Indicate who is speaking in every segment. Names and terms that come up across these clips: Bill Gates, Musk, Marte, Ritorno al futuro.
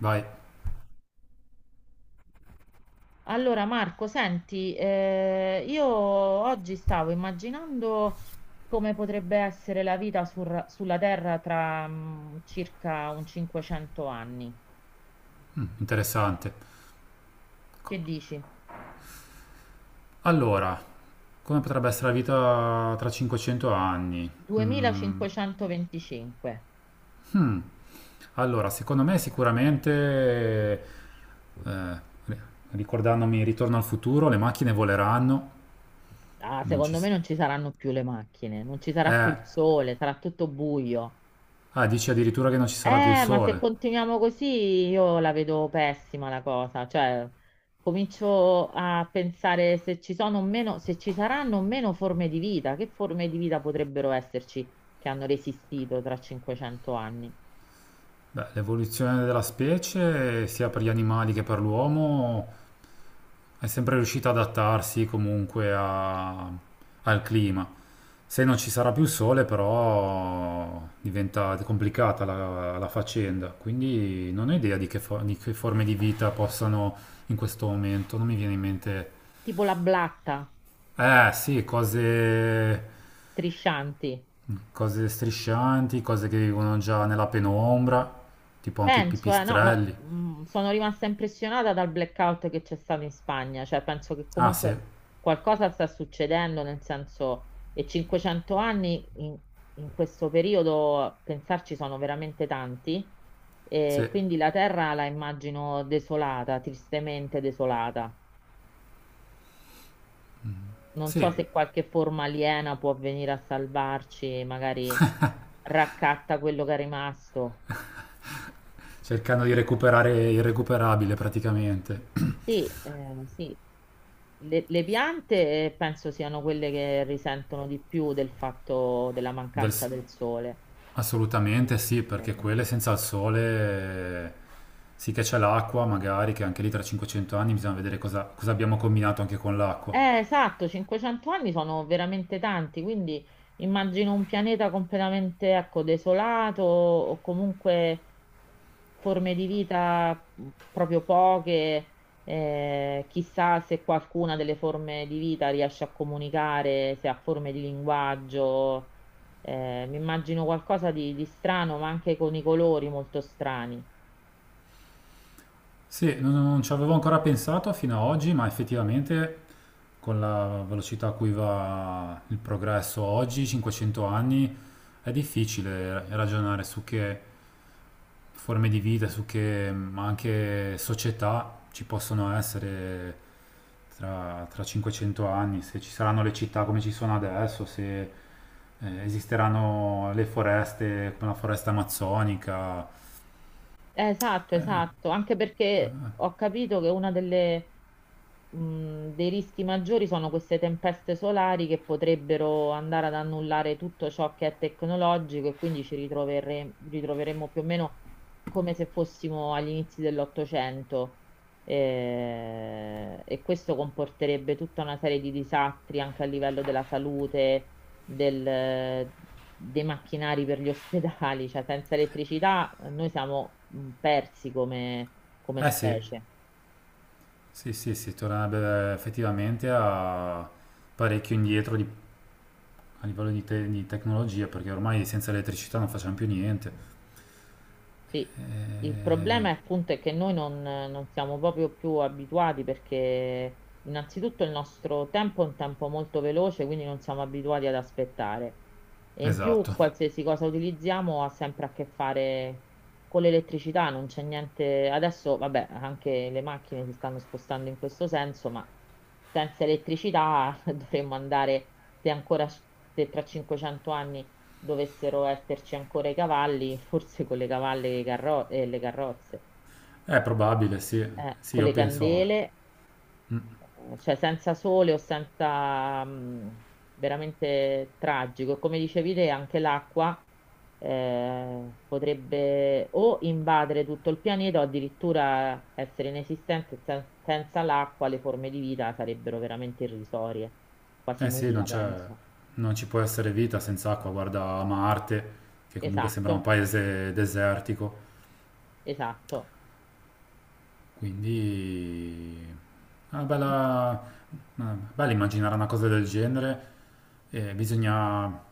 Speaker 1: Vai,
Speaker 2: Allora Marco, senti, io oggi stavo immaginando come potrebbe essere la vita sulla Terra tra circa un 500 anni.
Speaker 1: interessante.
Speaker 2: Che dici?
Speaker 1: Allora, come potrebbe essere la vita tra 500 anni? Mm,
Speaker 2: 2525.
Speaker 1: allora, secondo me sicuramente, eh, ricordandomi Ritorno al futuro, le macchine voleranno,
Speaker 2: Ah,
Speaker 1: non ci...
Speaker 2: secondo me non ci saranno più le macchine, non ci sarà più
Speaker 1: Eh,
Speaker 2: il sole, sarà tutto buio.
Speaker 1: dici addirittura che non ci sarà più il
Speaker 2: Ma se
Speaker 1: sole.
Speaker 2: continuiamo così io la vedo pessima la cosa, cioè comincio a pensare se ci sono o meno, se ci saranno o meno forme di vita, che forme di vita potrebbero esserci che hanno resistito tra 500 anni?
Speaker 1: Beh, l'evoluzione della specie, sia per gli animali che per l'uomo, è sempre riuscito ad adattarsi comunque al clima. Se non ci sarà più sole, però diventa complicata la faccenda. Quindi non ho idea di di che forme di vita possano in questo momento. Non mi viene in mente.
Speaker 2: Tipo la blatta,
Speaker 1: Eh sì, cose,
Speaker 2: striscianti.
Speaker 1: cose striscianti, cose che vivono già nella penombra, tipo anche i
Speaker 2: Penso, no, ma
Speaker 1: pipistrelli.
Speaker 2: sono rimasta impressionata dal blackout che c'è stato in Spagna, cioè penso che
Speaker 1: Ah sì,
Speaker 2: comunque qualcosa sta succedendo, nel senso, e 500 anni in questo periodo, pensarci sono veramente tanti, e
Speaker 1: sì,
Speaker 2: quindi la terra la immagino desolata, tristemente desolata. Non so
Speaker 1: sì.
Speaker 2: se qualche forma aliena può venire a salvarci, magari raccatta quello che è rimasto.
Speaker 1: Cercando di recuperare il recuperabile praticamente.
Speaker 2: Sì, sì. Le piante penso siano quelle che risentono di più del fatto della mancanza del
Speaker 1: Del-
Speaker 2: sole.
Speaker 1: Assolutamente sì, perché
Speaker 2: Ehm,
Speaker 1: quelle senza il sole sì che c'è l'acqua, magari che anche lì tra 500 anni bisogna vedere cosa, cosa abbiamo combinato anche con l'acqua.
Speaker 2: esatto, 500 anni sono veramente tanti, quindi immagino un pianeta completamente, ecco, desolato o comunque forme di vita proprio poche. Chissà se qualcuna delle forme di vita riesce a comunicare, se ha forme di linguaggio. Mi immagino qualcosa di strano, ma anche con i colori molto strani.
Speaker 1: Sì, non ci avevo ancora pensato fino ad oggi, ma effettivamente con la velocità a cui va il progresso oggi, 500 anni, è difficile ragionare su che forme di vita, su che ma anche società ci possono essere tra 500 anni, se ci saranno le città come ci sono adesso, se esisteranno le foreste come la foresta amazzonica.
Speaker 2: Esatto, esatto, anche perché ho capito che una delle, dei rischi maggiori sono queste tempeste solari che potrebbero andare ad annullare tutto ciò che è tecnologico e quindi ritroveremmo più o meno come se fossimo agli inizi dell'Ottocento. E questo comporterebbe tutta una serie di disastri anche a livello della salute, del- dei macchinari per gli ospedali, cioè senza elettricità noi siamo persi come
Speaker 1: Eh sì,
Speaker 2: specie.
Speaker 1: sì, sì, sì, tornerebbe effettivamente a parecchio indietro a livello di tecnologia, perché ormai senza elettricità non facciamo più niente.
Speaker 2: Sì, il
Speaker 1: Eh,
Speaker 2: problema è appunto è che noi non siamo proprio più abituati perché innanzitutto il nostro tempo è un tempo molto veloce, quindi non siamo abituati ad aspettare. E in più
Speaker 1: esatto,
Speaker 2: qualsiasi cosa utilizziamo ha sempre a che fare con l'elettricità, non c'è niente. Adesso, vabbè, anche le macchine si stanno spostando in questo senso, ma senza elettricità dovremmo andare, se ancora s- se tra 500 anni dovessero esserci ancora i cavalli, forse con le cavalle e, e le carrozze,
Speaker 1: è probabile, sì. Sì,
Speaker 2: con
Speaker 1: io
Speaker 2: le
Speaker 1: penso,
Speaker 2: candele, cioè senza sole o senza veramente tragico. E come dicevi te, anche l'acqua potrebbe o invadere tutto il pianeta o addirittura essere inesistente. Senza l'acqua le forme di vita sarebbero veramente irrisorie, quasi
Speaker 1: eh sì,
Speaker 2: nulla, penso.
Speaker 1: non ci può essere vita senza acqua. Guarda Marte, che comunque sembra un
Speaker 2: Esatto,
Speaker 1: paese desertico.
Speaker 2: esatto.
Speaker 1: Quindi una bella, bello immaginare una cosa del genere. Bisogna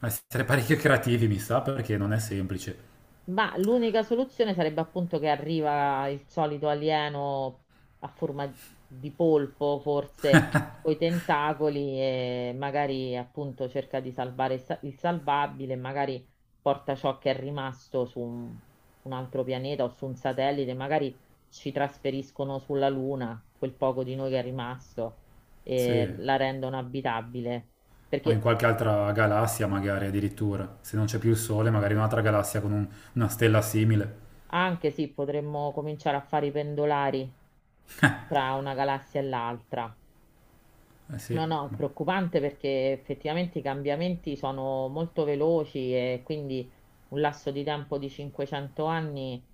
Speaker 1: essere parecchio creativi, mi sa, perché non è semplice.
Speaker 2: Ma l'unica soluzione sarebbe appunto che arriva il solito alieno a forma di polpo, forse con i tentacoli, e magari appunto cerca di salvare il salvabile, magari porta ciò che è rimasto su un altro pianeta o su un satellite, magari ci trasferiscono sulla Luna, quel poco di noi che è rimasto, e
Speaker 1: Sì,
Speaker 2: la rendono abitabile.
Speaker 1: o in
Speaker 2: Perché
Speaker 1: qualche altra galassia magari addirittura. Se non c'è più il Sole, magari in un'altra galassia con una stella simile.
Speaker 2: anche sì, potremmo cominciare a fare i pendolari tra una galassia e l'altra.
Speaker 1: Eh sì.
Speaker 2: No, no, è preoccupante perché effettivamente i cambiamenti sono molto veloci e quindi un lasso di tempo di 500 anni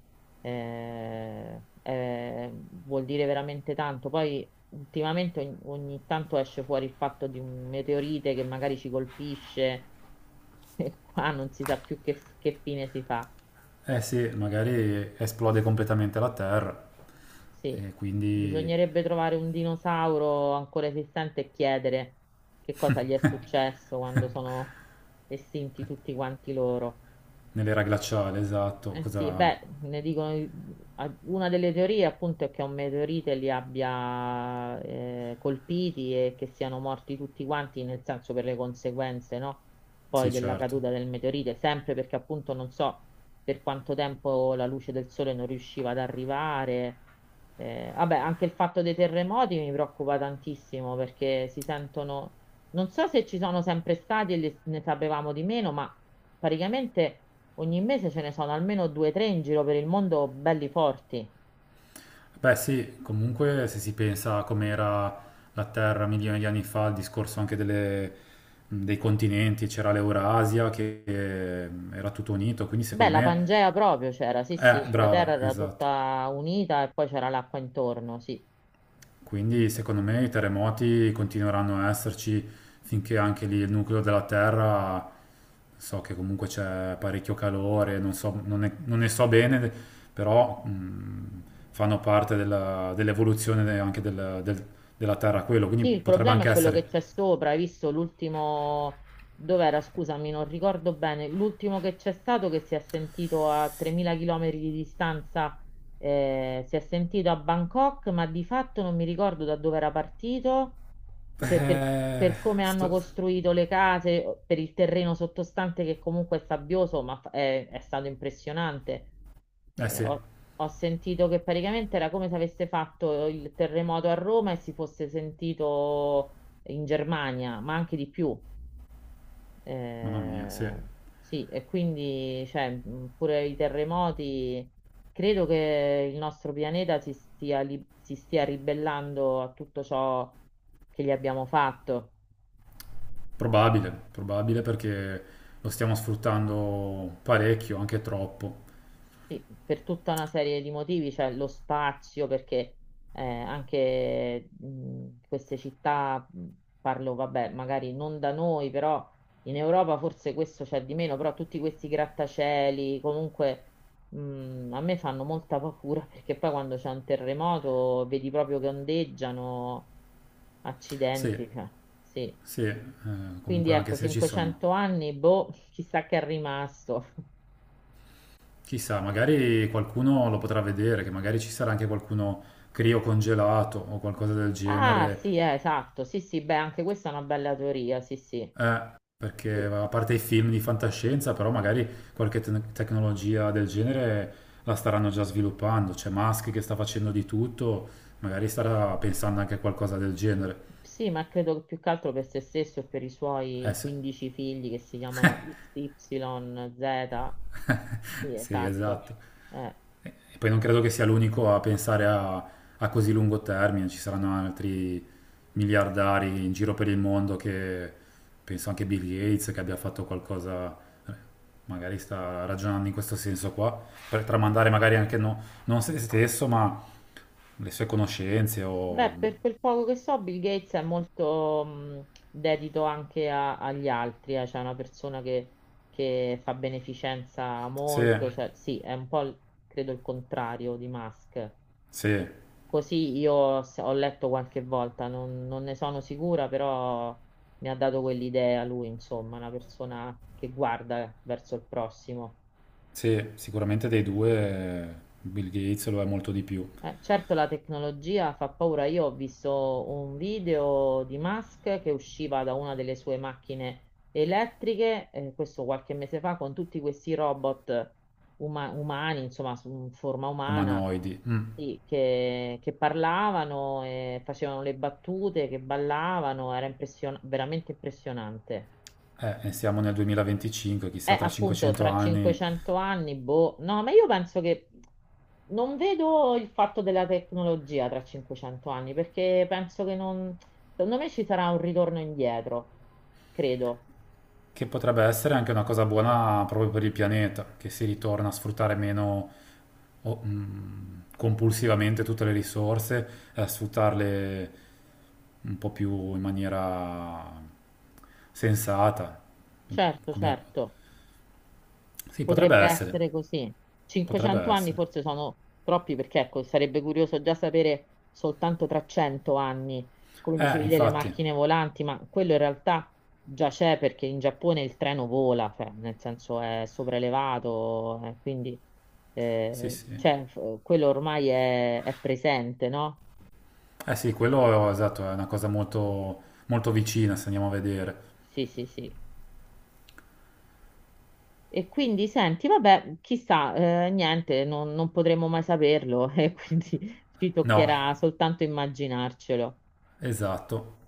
Speaker 2: vuol dire veramente tanto. Poi ultimamente ogni tanto esce fuori il fatto di un meteorite che magari ci colpisce e qua non si sa più che fine si fa.
Speaker 1: Eh sì, magari esplode completamente la Terra.
Speaker 2: Sì,
Speaker 1: E quindi
Speaker 2: bisognerebbe trovare un dinosauro ancora esistente e chiedere che cosa gli è successo quando sono estinti tutti quanti loro.
Speaker 1: nell'era glaciale, esatto.
Speaker 2: Eh sì,
Speaker 1: Cosa...
Speaker 2: beh, ne dicono, una delle teorie appunto è che un meteorite li abbia colpiti e che siano morti tutti quanti, nel senso per le conseguenze, no? Poi
Speaker 1: Sì,
Speaker 2: della caduta
Speaker 1: certo.
Speaker 2: del meteorite, sempre perché appunto non so per quanto tempo la luce del sole non riusciva ad arrivare. Vabbè, anche il fatto dei terremoti mi preoccupa tantissimo perché si sentono, non so se ci sono sempre stati e ne sapevamo di meno, ma praticamente ogni mese ce ne sono almeno due o tre in giro per il mondo belli forti.
Speaker 1: Beh sì, comunque se si pensa a com'era la Terra milioni di anni fa, il discorso anche dei continenti, c'era l'Eurasia che era tutto unito, quindi
Speaker 2: Beh,
Speaker 1: secondo
Speaker 2: la
Speaker 1: me...
Speaker 2: Pangea proprio c'era, sì, sì, la terra
Speaker 1: Brava,
Speaker 2: era
Speaker 1: esatto.
Speaker 2: tutta unita e poi c'era l'acqua intorno, sì.
Speaker 1: Quindi secondo me i terremoti continueranno a esserci finché anche lì il nucleo della Terra, so che comunque c'è parecchio calore, non ne so bene, però fanno parte dell'evoluzione della Terra quello, quindi
Speaker 2: Sì, il
Speaker 1: potrebbe
Speaker 2: problema
Speaker 1: anche
Speaker 2: è quello che
Speaker 1: essere...
Speaker 2: c'è sopra, hai visto l'ultimo, dov'era, scusami, non ricordo bene, l'ultimo che c'è stato che si è sentito a 3.000 km di distanza, si è sentito a Bangkok, ma di fatto non mi ricordo da dove era partito, per, per-
Speaker 1: Eh,
Speaker 2: per come hanno
Speaker 1: sto-
Speaker 2: costruito le case, per il terreno sottostante che comunque è sabbioso, ma è stato impressionante.
Speaker 1: eh
Speaker 2: Eh,
Speaker 1: sì,
Speaker 2: ho- ho sentito che praticamente era come se avesse fatto il terremoto a Roma e si fosse sentito in Germania, ma anche di più.
Speaker 1: mamma mia, sì,
Speaker 2: Eh, sì, e quindi, cioè, pure i terremoti, credo che il nostro pianeta si stia ribellando a tutto ciò che gli abbiamo fatto.
Speaker 1: probabile, probabile perché lo stiamo sfruttando parecchio, anche troppo.
Speaker 2: Sì, per tutta una serie di motivi, cioè lo spazio, perché anche queste città, parlo, vabbè, magari non da noi, però in Europa forse questo c'è di meno, però tutti questi grattacieli, comunque a me fanno molta paura perché poi quando c'è un terremoto vedi proprio che ondeggiano, accidenti,
Speaker 1: Sì.
Speaker 2: cioè, sì.
Speaker 1: Sì,
Speaker 2: Quindi
Speaker 1: comunque anche
Speaker 2: ecco,
Speaker 1: se ci sono,
Speaker 2: 500 anni, boh, chissà che è rimasto.
Speaker 1: chissà, magari qualcuno lo potrà vedere, che magari ci sarà anche qualcuno criocongelato o qualcosa del
Speaker 2: Ah,
Speaker 1: genere,
Speaker 2: sì, esatto. Sì, sì, beh, anche questa è una bella teoria. Sì, sì.
Speaker 1: eh, perché
Speaker 2: Sì,
Speaker 1: a parte i film di fantascienza, però magari tecnologia del genere la staranno già sviluppando, c'è Musk che sta facendo di tutto, magari starà pensando anche a qualcosa del genere.
Speaker 2: Sì, ma credo che più che altro per se stesso e per i
Speaker 1: Eh
Speaker 2: suoi
Speaker 1: sì,
Speaker 2: 15 figli che si chiamano XYZ. Sì,
Speaker 1: sì,
Speaker 2: esatto.
Speaker 1: esatto.
Speaker 2: Eh,
Speaker 1: E poi non credo che sia l'unico a pensare a così lungo termine, ci saranno altri miliardari in giro per il mondo che penso anche Bill Gates che abbia fatto qualcosa, eh, magari sta ragionando in questo senso qua, per tramandare magari anche non se stesso, ma le sue conoscenze o
Speaker 2: Beh, per quel poco che so, Bill Gates è molto dedito anche agli altri, cioè è una persona che fa beneficenza
Speaker 1: se,
Speaker 2: molto, cioè sì, è un po' credo il contrario di Musk.
Speaker 1: se,
Speaker 2: Così io ho letto qualche volta, non ne sono sicura, però mi ha dato quell'idea lui, insomma, una persona che guarda verso il prossimo.
Speaker 1: se sicuramente dei due Bill Gates lo è molto di più,
Speaker 2: Certo la tecnologia fa paura. Io ho visto un video di Musk che usciva da una delle sue macchine elettriche, questo qualche mese fa, con tutti questi robot umani, insomma, in forma umana,
Speaker 1: umanoidi. Mm.
Speaker 2: sì, che parlavano, e facevano le battute, che ballavano, era veramente impressionante.
Speaker 1: E siamo nel 2025,
Speaker 2: Eh,
Speaker 1: chissà tra
Speaker 2: appunto,
Speaker 1: 500
Speaker 2: tra
Speaker 1: anni,
Speaker 2: 500 anni, boh, no, ma io penso che non vedo il fatto della tecnologia tra 500 anni, perché penso che non, secondo me ci sarà un ritorno indietro, credo.
Speaker 1: che potrebbe essere anche una cosa buona proprio per il pianeta, che si ritorna a sfruttare meno compulsivamente tutte le risorse e a sfruttarle un po' più in maniera sensata.
Speaker 2: Certo,
Speaker 1: Come-
Speaker 2: certo.
Speaker 1: Sì, potrebbe
Speaker 2: Potrebbe
Speaker 1: essere,
Speaker 2: essere così.
Speaker 1: potrebbe
Speaker 2: 500 anni
Speaker 1: essere.
Speaker 2: forse sono troppi perché ecco, sarebbe curioso già sapere soltanto tra 100 anni, come dicevi, delle
Speaker 1: Infatti,
Speaker 2: macchine volanti, ma quello in realtà già c'è perché in Giappone il treno vola, cioè, nel senso è sopraelevato, quindi
Speaker 1: sì, sì.
Speaker 2: cioè, quello ormai è presente, no?
Speaker 1: Eh sì, quello esatto, è una cosa molto, molto vicina se andiamo a vedere.
Speaker 2: Sì, sì, sì. E quindi senti, vabbè, chissà, niente, non potremo mai saperlo e quindi ci
Speaker 1: No,
Speaker 2: toccherà soltanto immaginarcelo.
Speaker 1: esatto.